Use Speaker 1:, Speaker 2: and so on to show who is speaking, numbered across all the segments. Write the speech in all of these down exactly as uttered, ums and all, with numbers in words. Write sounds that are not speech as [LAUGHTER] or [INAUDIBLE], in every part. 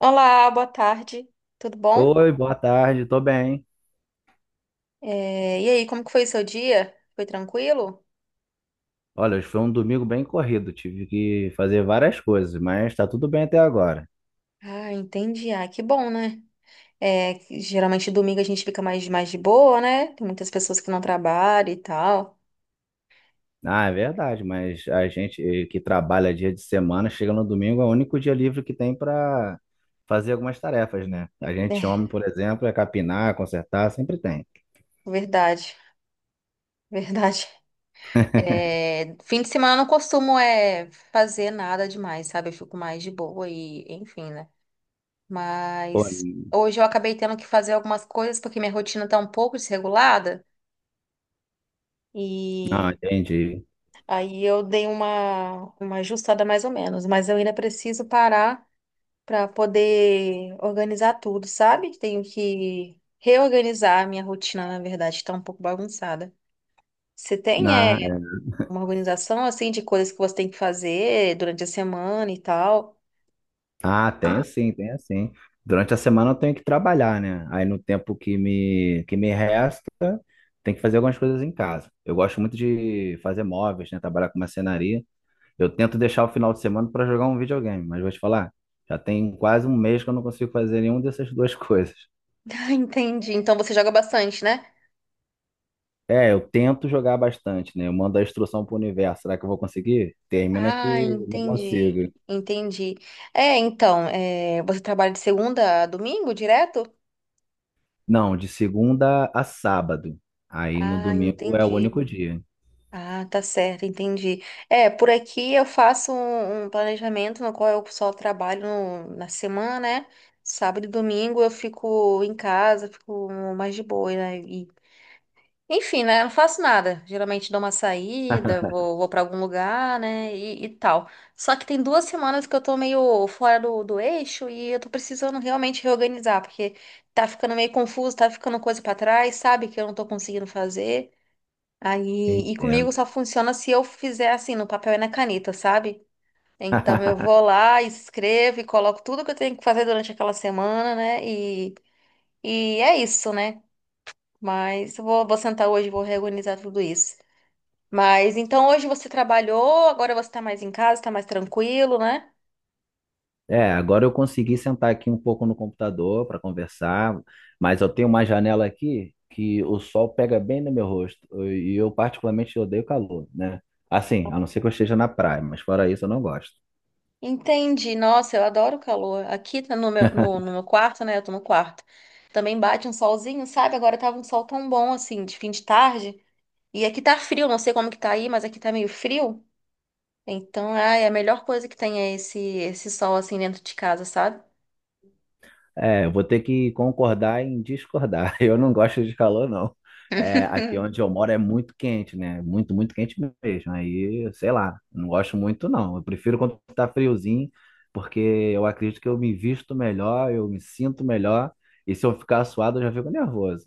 Speaker 1: Olá, boa tarde. Tudo bom?
Speaker 2: Oi, boa tarde, tô bem.
Speaker 1: É, e aí, como que foi o seu dia? Foi tranquilo?
Speaker 2: Olha, hoje foi um domingo bem corrido, tive que fazer várias coisas, mas tá tudo bem até agora.
Speaker 1: Ah, entendi. Ah, que bom, né? É, que geralmente domingo a gente fica mais, mais de boa, né? Tem muitas pessoas que não trabalham e tal.
Speaker 2: Ah, é verdade, mas a gente eh, que trabalha dia de semana, chega no domingo, é o único dia livre que tem pra fazer algumas tarefas, né? A gente,
Speaker 1: É,
Speaker 2: homem, por exemplo, é capinar, consertar, sempre tem.
Speaker 1: verdade, [LAUGHS] verdade. É, fim de semana eu não costumo é, fazer nada demais, sabe? Eu fico mais de boa e enfim, né?
Speaker 2: Pô,
Speaker 1: Mas hoje eu acabei tendo que fazer algumas coisas porque minha rotina tá um pouco desregulada.
Speaker 2: não,
Speaker 1: E
Speaker 2: entendi.
Speaker 1: Aí eu dei uma, uma ajustada mais ou menos, mas eu ainda preciso parar para poder organizar tudo, sabe? Tenho que reorganizar a minha rotina, na verdade, está um pouco bagunçada. Você tem
Speaker 2: Na-
Speaker 1: é,
Speaker 2: é.
Speaker 1: uma organização assim de coisas que você tem que fazer durante a semana e tal? [LAUGHS]
Speaker 2: Ah, tenho sim, tenho sim. Durante a semana eu tenho que trabalhar, né? Aí no tempo que me, que me resta, tem que fazer algumas coisas em casa. Eu gosto muito de fazer móveis, né? Trabalhar com marcenaria. Eu tento deixar o final de semana para jogar um videogame, mas vou te falar, já tem quase um mês que eu não consigo fazer nenhuma dessas [LAUGHS] duas coisas.
Speaker 1: Ah, entendi. Então você joga bastante, né?
Speaker 2: É, eu tento jogar bastante, né? Eu mando a instrução pro universo. Será que eu vou conseguir? Termina
Speaker 1: Ah,
Speaker 2: que não
Speaker 1: entendi.
Speaker 2: consigo.
Speaker 1: Entendi. É, então, é, você trabalha de segunda a domingo direto?
Speaker 2: Não, de segunda a sábado. Aí no
Speaker 1: Ah,
Speaker 2: domingo é o único
Speaker 1: entendi.
Speaker 2: dia.
Speaker 1: Ah, tá certo, entendi. É, por aqui eu faço um, um planejamento no qual eu só trabalho no- na semana, né? Sábado e domingo eu fico em casa, fico mais de boa, né? E, enfim, né? Eu não faço nada. Geralmente dou uma saída, vou, vou para algum lugar, né? E, e tal. Só que tem duas semanas que eu tô meio fora do, do eixo e eu tô precisando realmente reorganizar, porque tá ficando meio confuso, tá ficando coisa pra trás, sabe? Que eu não tô conseguindo fazer. Aí, e comigo
Speaker 2: Entendo.
Speaker 1: só funciona se eu fizer assim, no papel e na caneta, sabe? Então eu vou
Speaker 2: [LAUGHS]
Speaker 1: lá, escrevo e coloco tudo que eu tenho que fazer durante aquela semana, né? E, e é isso, né? Mas eu vou, vou sentar hoje e vou reorganizar tudo isso. Mas então hoje você trabalhou, agora você tá mais em casa, tá mais tranquilo, né?
Speaker 2: É, agora eu consegui sentar aqui um pouco no computador para conversar, mas eu tenho uma janela aqui que o sol pega bem no meu rosto e eu particularmente odeio calor, né? Assim, a não ser que eu esteja na praia, mas fora isso eu não gosto.
Speaker 1: Entendi. Nossa, eu adoro o calor. Aqui tá no meu, no,
Speaker 2: [LAUGHS]
Speaker 1: no meu quarto, né? Eu tô no quarto. Também bate um solzinho, sabe? Agora tava um sol tão bom assim, de fim de tarde. E aqui tá frio, não sei como que tá aí, mas aqui tá meio frio. Então, ai, a melhor coisa que tem é esse, esse sol assim dentro de casa, sabe?
Speaker 2: É, eu vou ter que concordar em discordar. [LAUGHS] Eu não gosto de calor, não. É, aqui onde
Speaker 1: [LAUGHS]
Speaker 2: eu moro é muito quente, né? Muito, muito quente mesmo. Aí, sei lá, não gosto muito, não. Eu prefiro quando tá friozinho, porque eu acredito que eu me visto melhor, eu me sinto melhor. E se eu ficar suado, eu já fico nervoso.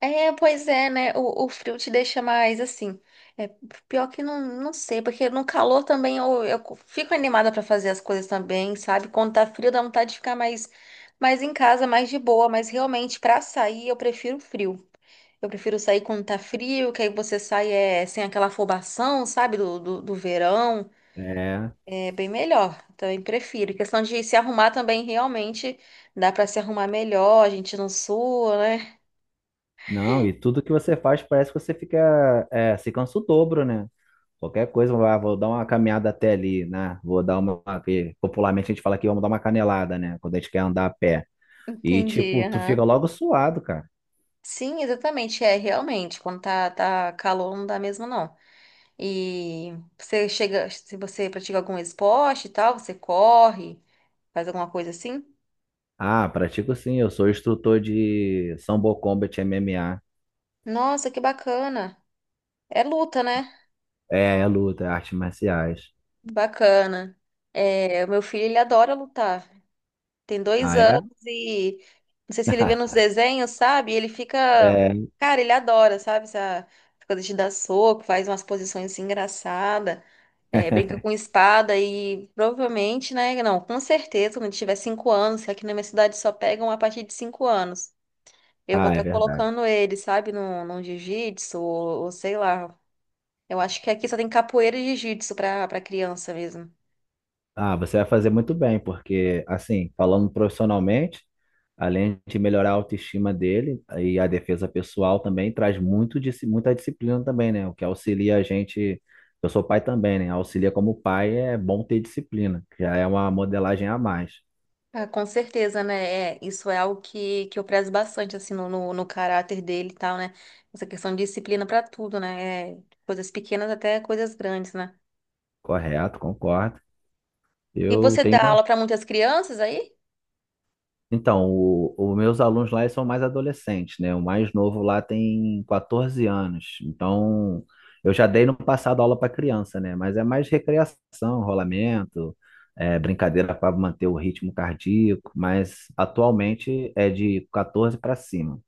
Speaker 1: É, pois é, né? O, o frio te deixa mais assim. É, pior que não, não sei, porque no calor também eu, eu fico animada pra fazer as coisas também, sabe? Quando tá frio dá vontade de ficar mais, mais em casa, mais de boa, mas realmente pra sair eu prefiro frio. Eu prefiro sair quando tá frio, que aí você sai é, sem aquela afobação, sabe? Do, do, do verão.
Speaker 2: É,
Speaker 1: É bem melhor, também prefiro. Questão de se arrumar também, realmente dá para se arrumar melhor, a gente não sua, né?
Speaker 2: não, e tudo que você faz parece que você fica, é, se cansa o dobro, né? Qualquer coisa, ah, vou dar uma caminhada até ali, né? Vou dar uma. Que Popularmente a gente fala que vamos dar uma canelada, né? Quando a gente quer andar a pé.
Speaker 1: [LAUGHS]
Speaker 2: E,
Speaker 1: Entendi,
Speaker 2: tipo, tu fica
Speaker 1: aham.
Speaker 2: logo suado, cara.
Speaker 1: Sim, exatamente, é realmente. Quando tá, tá calor, não dá mesmo, não. E você chega, se você pratica algum esporte e tal, você corre, faz alguma coisa assim?
Speaker 2: Ah, pratico sim, eu sou instrutor de Sambo Combat M M A.
Speaker 1: Nossa, que bacana! É luta, né?
Speaker 2: É, é luta, é artes marciais.
Speaker 1: Bacana. É, o meu filho, ele adora lutar. Tem dois
Speaker 2: Ah, é?
Speaker 1: anos e não sei se ele vê nos
Speaker 2: [LAUGHS]
Speaker 1: desenhos, sabe? Ele fica.
Speaker 2: É.
Speaker 1: Cara, ele adora, sabe? Essa essa coisa de dar soco, faz umas posições assim, engraçadas, é, brinca com espada e provavelmente, né? Não, com certeza, quando tiver cinco anos, que aqui na minha cidade só pegam a partir de cinco anos. Eu vou
Speaker 2: Ah, é
Speaker 1: estar
Speaker 2: verdade.
Speaker 1: colocando ele, sabe, num, num jiu-jitsu, ou, ou sei lá. Eu acho que aqui só tem capoeira e jiu-jitsu pra, pra criança mesmo.
Speaker 2: Ah, você vai fazer muito bem, porque, assim, falando profissionalmente, além de melhorar a autoestima dele e a defesa pessoal também, traz muito, disci- muita disciplina também, né? O que auxilia a gente. Eu sou pai também, né? Auxilia como pai é bom ter disciplina, que já é uma modelagem a mais.
Speaker 1: Ah, com certeza, né? É, isso é algo que, que eu prezo bastante, assim, no, no, no caráter dele e tal, né? Essa questão de disciplina para tudo, né? É, coisas pequenas até coisas grandes, né?
Speaker 2: Correto, concordo.
Speaker 1: E
Speaker 2: Eu
Speaker 1: você
Speaker 2: tenho.
Speaker 1: dá aula para muitas crianças aí?
Speaker 2: Então, o- os meus alunos lá eles são mais adolescentes, né? O mais novo lá tem catorze anos. Então, eu já dei no passado aula para criança, né? Mas é mais recreação, rolamento, é, brincadeira para manter o ritmo cardíaco. Mas atualmente é de catorze para cima.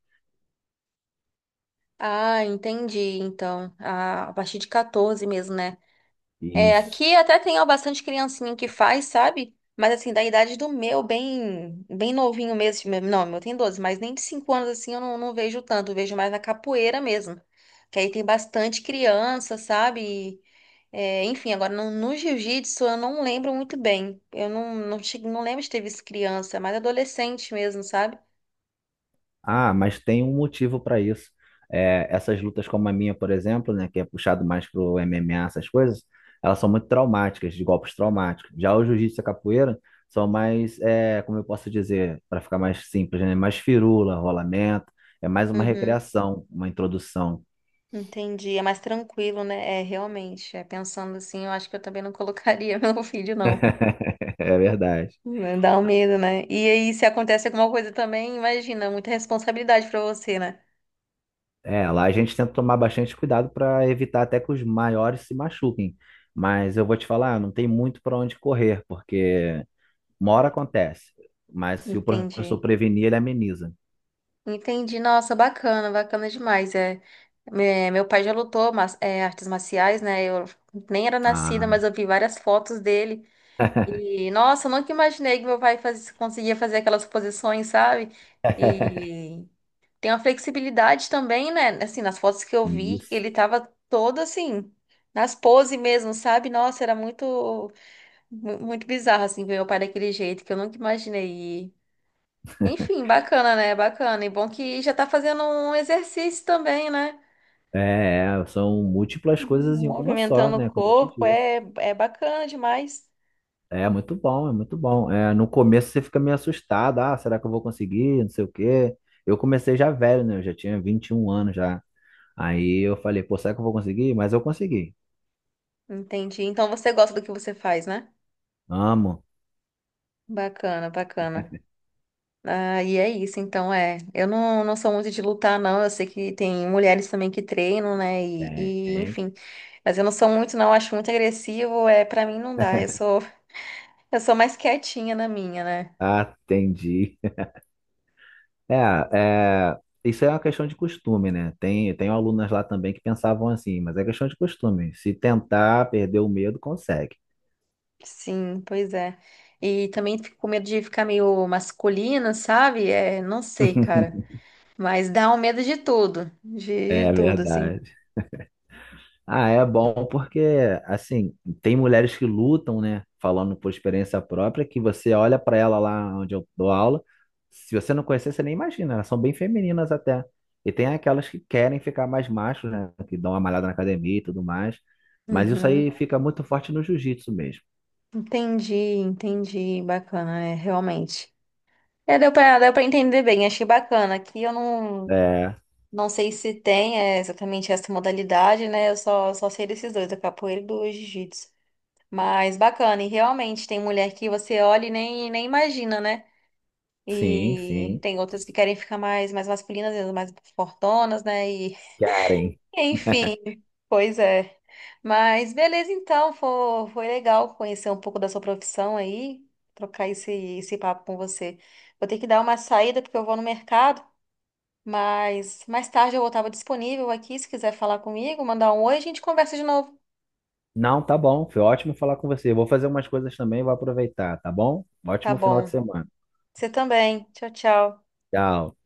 Speaker 1: Ah, entendi. Então, a, a partir de quatorze mesmo, né? É,
Speaker 2: Isso.
Speaker 1: aqui até tem ó, bastante criancinha que faz, sabe? Mas assim, da idade do meu, bem, bem novinho mesmo. meu- Não, meu tem doze mas nem de cinco anos assim eu não, não vejo tanto, eu vejo mais na capoeira mesmo. Que aí tem bastante criança, sabe? E, é, enfim, agora no, no jiu-jitsu eu não lembro muito bem. Eu não, não, che- não lembro de ter visto criança, é mais adolescente mesmo, sabe?
Speaker 2: Ah, mas tem um motivo para isso. É, essas lutas como a minha, por exemplo, né, que é puxado mais pro M M A, essas coisas, elas são muito traumáticas, de golpes traumáticos. Já o jiu-jitsu e a capoeira são mais, é, como eu posso dizer, para ficar mais simples, né, mais firula, rolamento, é mais uma
Speaker 1: Uhum,
Speaker 2: recreação, uma introdução.
Speaker 1: entendi. É mais tranquilo, né? É, realmente. É, pensando assim, eu acho que eu também não colocaria [LAUGHS] meu filho, não.
Speaker 2: [LAUGHS] É verdade.
Speaker 1: Dá um medo, né? E aí, se acontece alguma coisa também, imagina, muita responsabilidade pra você, né?
Speaker 2: É, lá a gente tenta tomar bastante cuidado para evitar até que os maiores se machuquem. Mas eu vou te falar, não tem muito para onde correr, porque uma hora acontece, mas se o professor
Speaker 1: Entendi.
Speaker 2: prevenir, ele ameniza.
Speaker 1: Entendi. Nossa, bacana, bacana demais. É, me- meu pai já lutou mas, é, artes marciais, né? Eu nem era nascida,
Speaker 2: Ah,
Speaker 1: mas eu vi várias fotos dele. E, nossa, eu nunca imaginei que meu pai faz- conseguia fazer aquelas posições, sabe?
Speaker 2: [LAUGHS]
Speaker 1: E tem uma flexibilidade também, né? Assim, nas fotos que eu vi,
Speaker 2: isso.
Speaker 1: ele tava todo assim, nas poses mesmo, sabe? Nossa, era muito. Mu- Muito bizarro, assim, ver meu pai daquele jeito, que eu nunca imaginei. E, Enfim, bacana, né? Bacana. E bom que já tá fazendo um exercício também, né?
Speaker 2: É, é, são múltiplas coisas em uma só,
Speaker 1: Movimentando o
Speaker 2: né? Como eu te
Speaker 1: corpo,
Speaker 2: disse.
Speaker 1: é, é bacana demais.
Speaker 2: É muito bom, é muito bom. É, no começo você fica meio assustado. Ah, será que eu vou conseguir? Não sei o quê. Eu comecei já velho, né? Eu já tinha vinte e um anos já. Aí eu falei, pô, será que eu vou conseguir? Mas eu consegui.
Speaker 1: Entendi. Então você gosta do que você faz, né?
Speaker 2: Amo.
Speaker 1: Bacana, bacana. Ah, e é isso, então é. Eu não, não sou muito de lutar, não. Eu sei que tem mulheres também que treinam, né? E, e
Speaker 2: Tem.
Speaker 1: enfim. Mas eu não sou muito, não. Eu acho muito agressivo. É, para mim não dá. Eu sou, eu sou mais quietinha na minha, né?
Speaker 2: Atendi. É, é, isso é uma questão de costume, né? Tem, tem alunas lá também que pensavam assim, mas é questão de costume. Se tentar perder o medo, consegue.
Speaker 1: Sim, pois é. E também fico com medo de ficar meio masculina, sabe? É, não sei, cara.
Speaker 2: [LAUGHS]
Speaker 1: Mas dá um medo de tudo, de, de
Speaker 2: É
Speaker 1: tudo, assim.
Speaker 2: verdade. Ah, é bom porque, assim, tem mulheres que lutam, né? Falando por experiência própria, que você olha para ela lá onde eu dou aula, se você não conhecer, você nem imagina, elas são bem femininas até. E tem aquelas que querem ficar mais machos, né? Que dão uma malhada na academia e tudo mais. Mas isso
Speaker 1: Uhum.
Speaker 2: aí fica muito forte no jiu-jitsu mesmo.
Speaker 1: Entendi, entendi. Bacana, é, realmente. É, deu pra, deu pra entender bem, achei bacana. Aqui eu não,
Speaker 2: É.
Speaker 1: não sei se tem é, exatamente essa modalidade, né? Eu só, só sei desses dois, da capoeira e do jiu-jitsu. Mas bacana, e realmente tem mulher que você olha e nem, nem imagina, né?
Speaker 2: Sim,
Speaker 1: E
Speaker 2: sim.
Speaker 1: tem outras que querem ficar mais, mais masculinas, mais fortonas, né? E
Speaker 2: Karen.
Speaker 1: [LAUGHS] enfim, pois é. Mas beleza, então, foi, foi legal conhecer um pouco da sua profissão aí, trocar esse, esse papo com você. Vou ter que dar uma saída porque eu vou no mercado, mas mais tarde eu estava disponível aqui, se quiser falar comigo, mandar um oi, a gente conversa de novo.
Speaker 2: Não, tá bom. Foi ótimo falar com você. Eu Vou fazer umas coisas também, vou aproveitar, tá bom?
Speaker 1: Tá
Speaker 2: Ótimo final
Speaker 1: bom.
Speaker 2: de semana.
Speaker 1: Você também. Tchau, tchau.
Speaker 2: Tchau.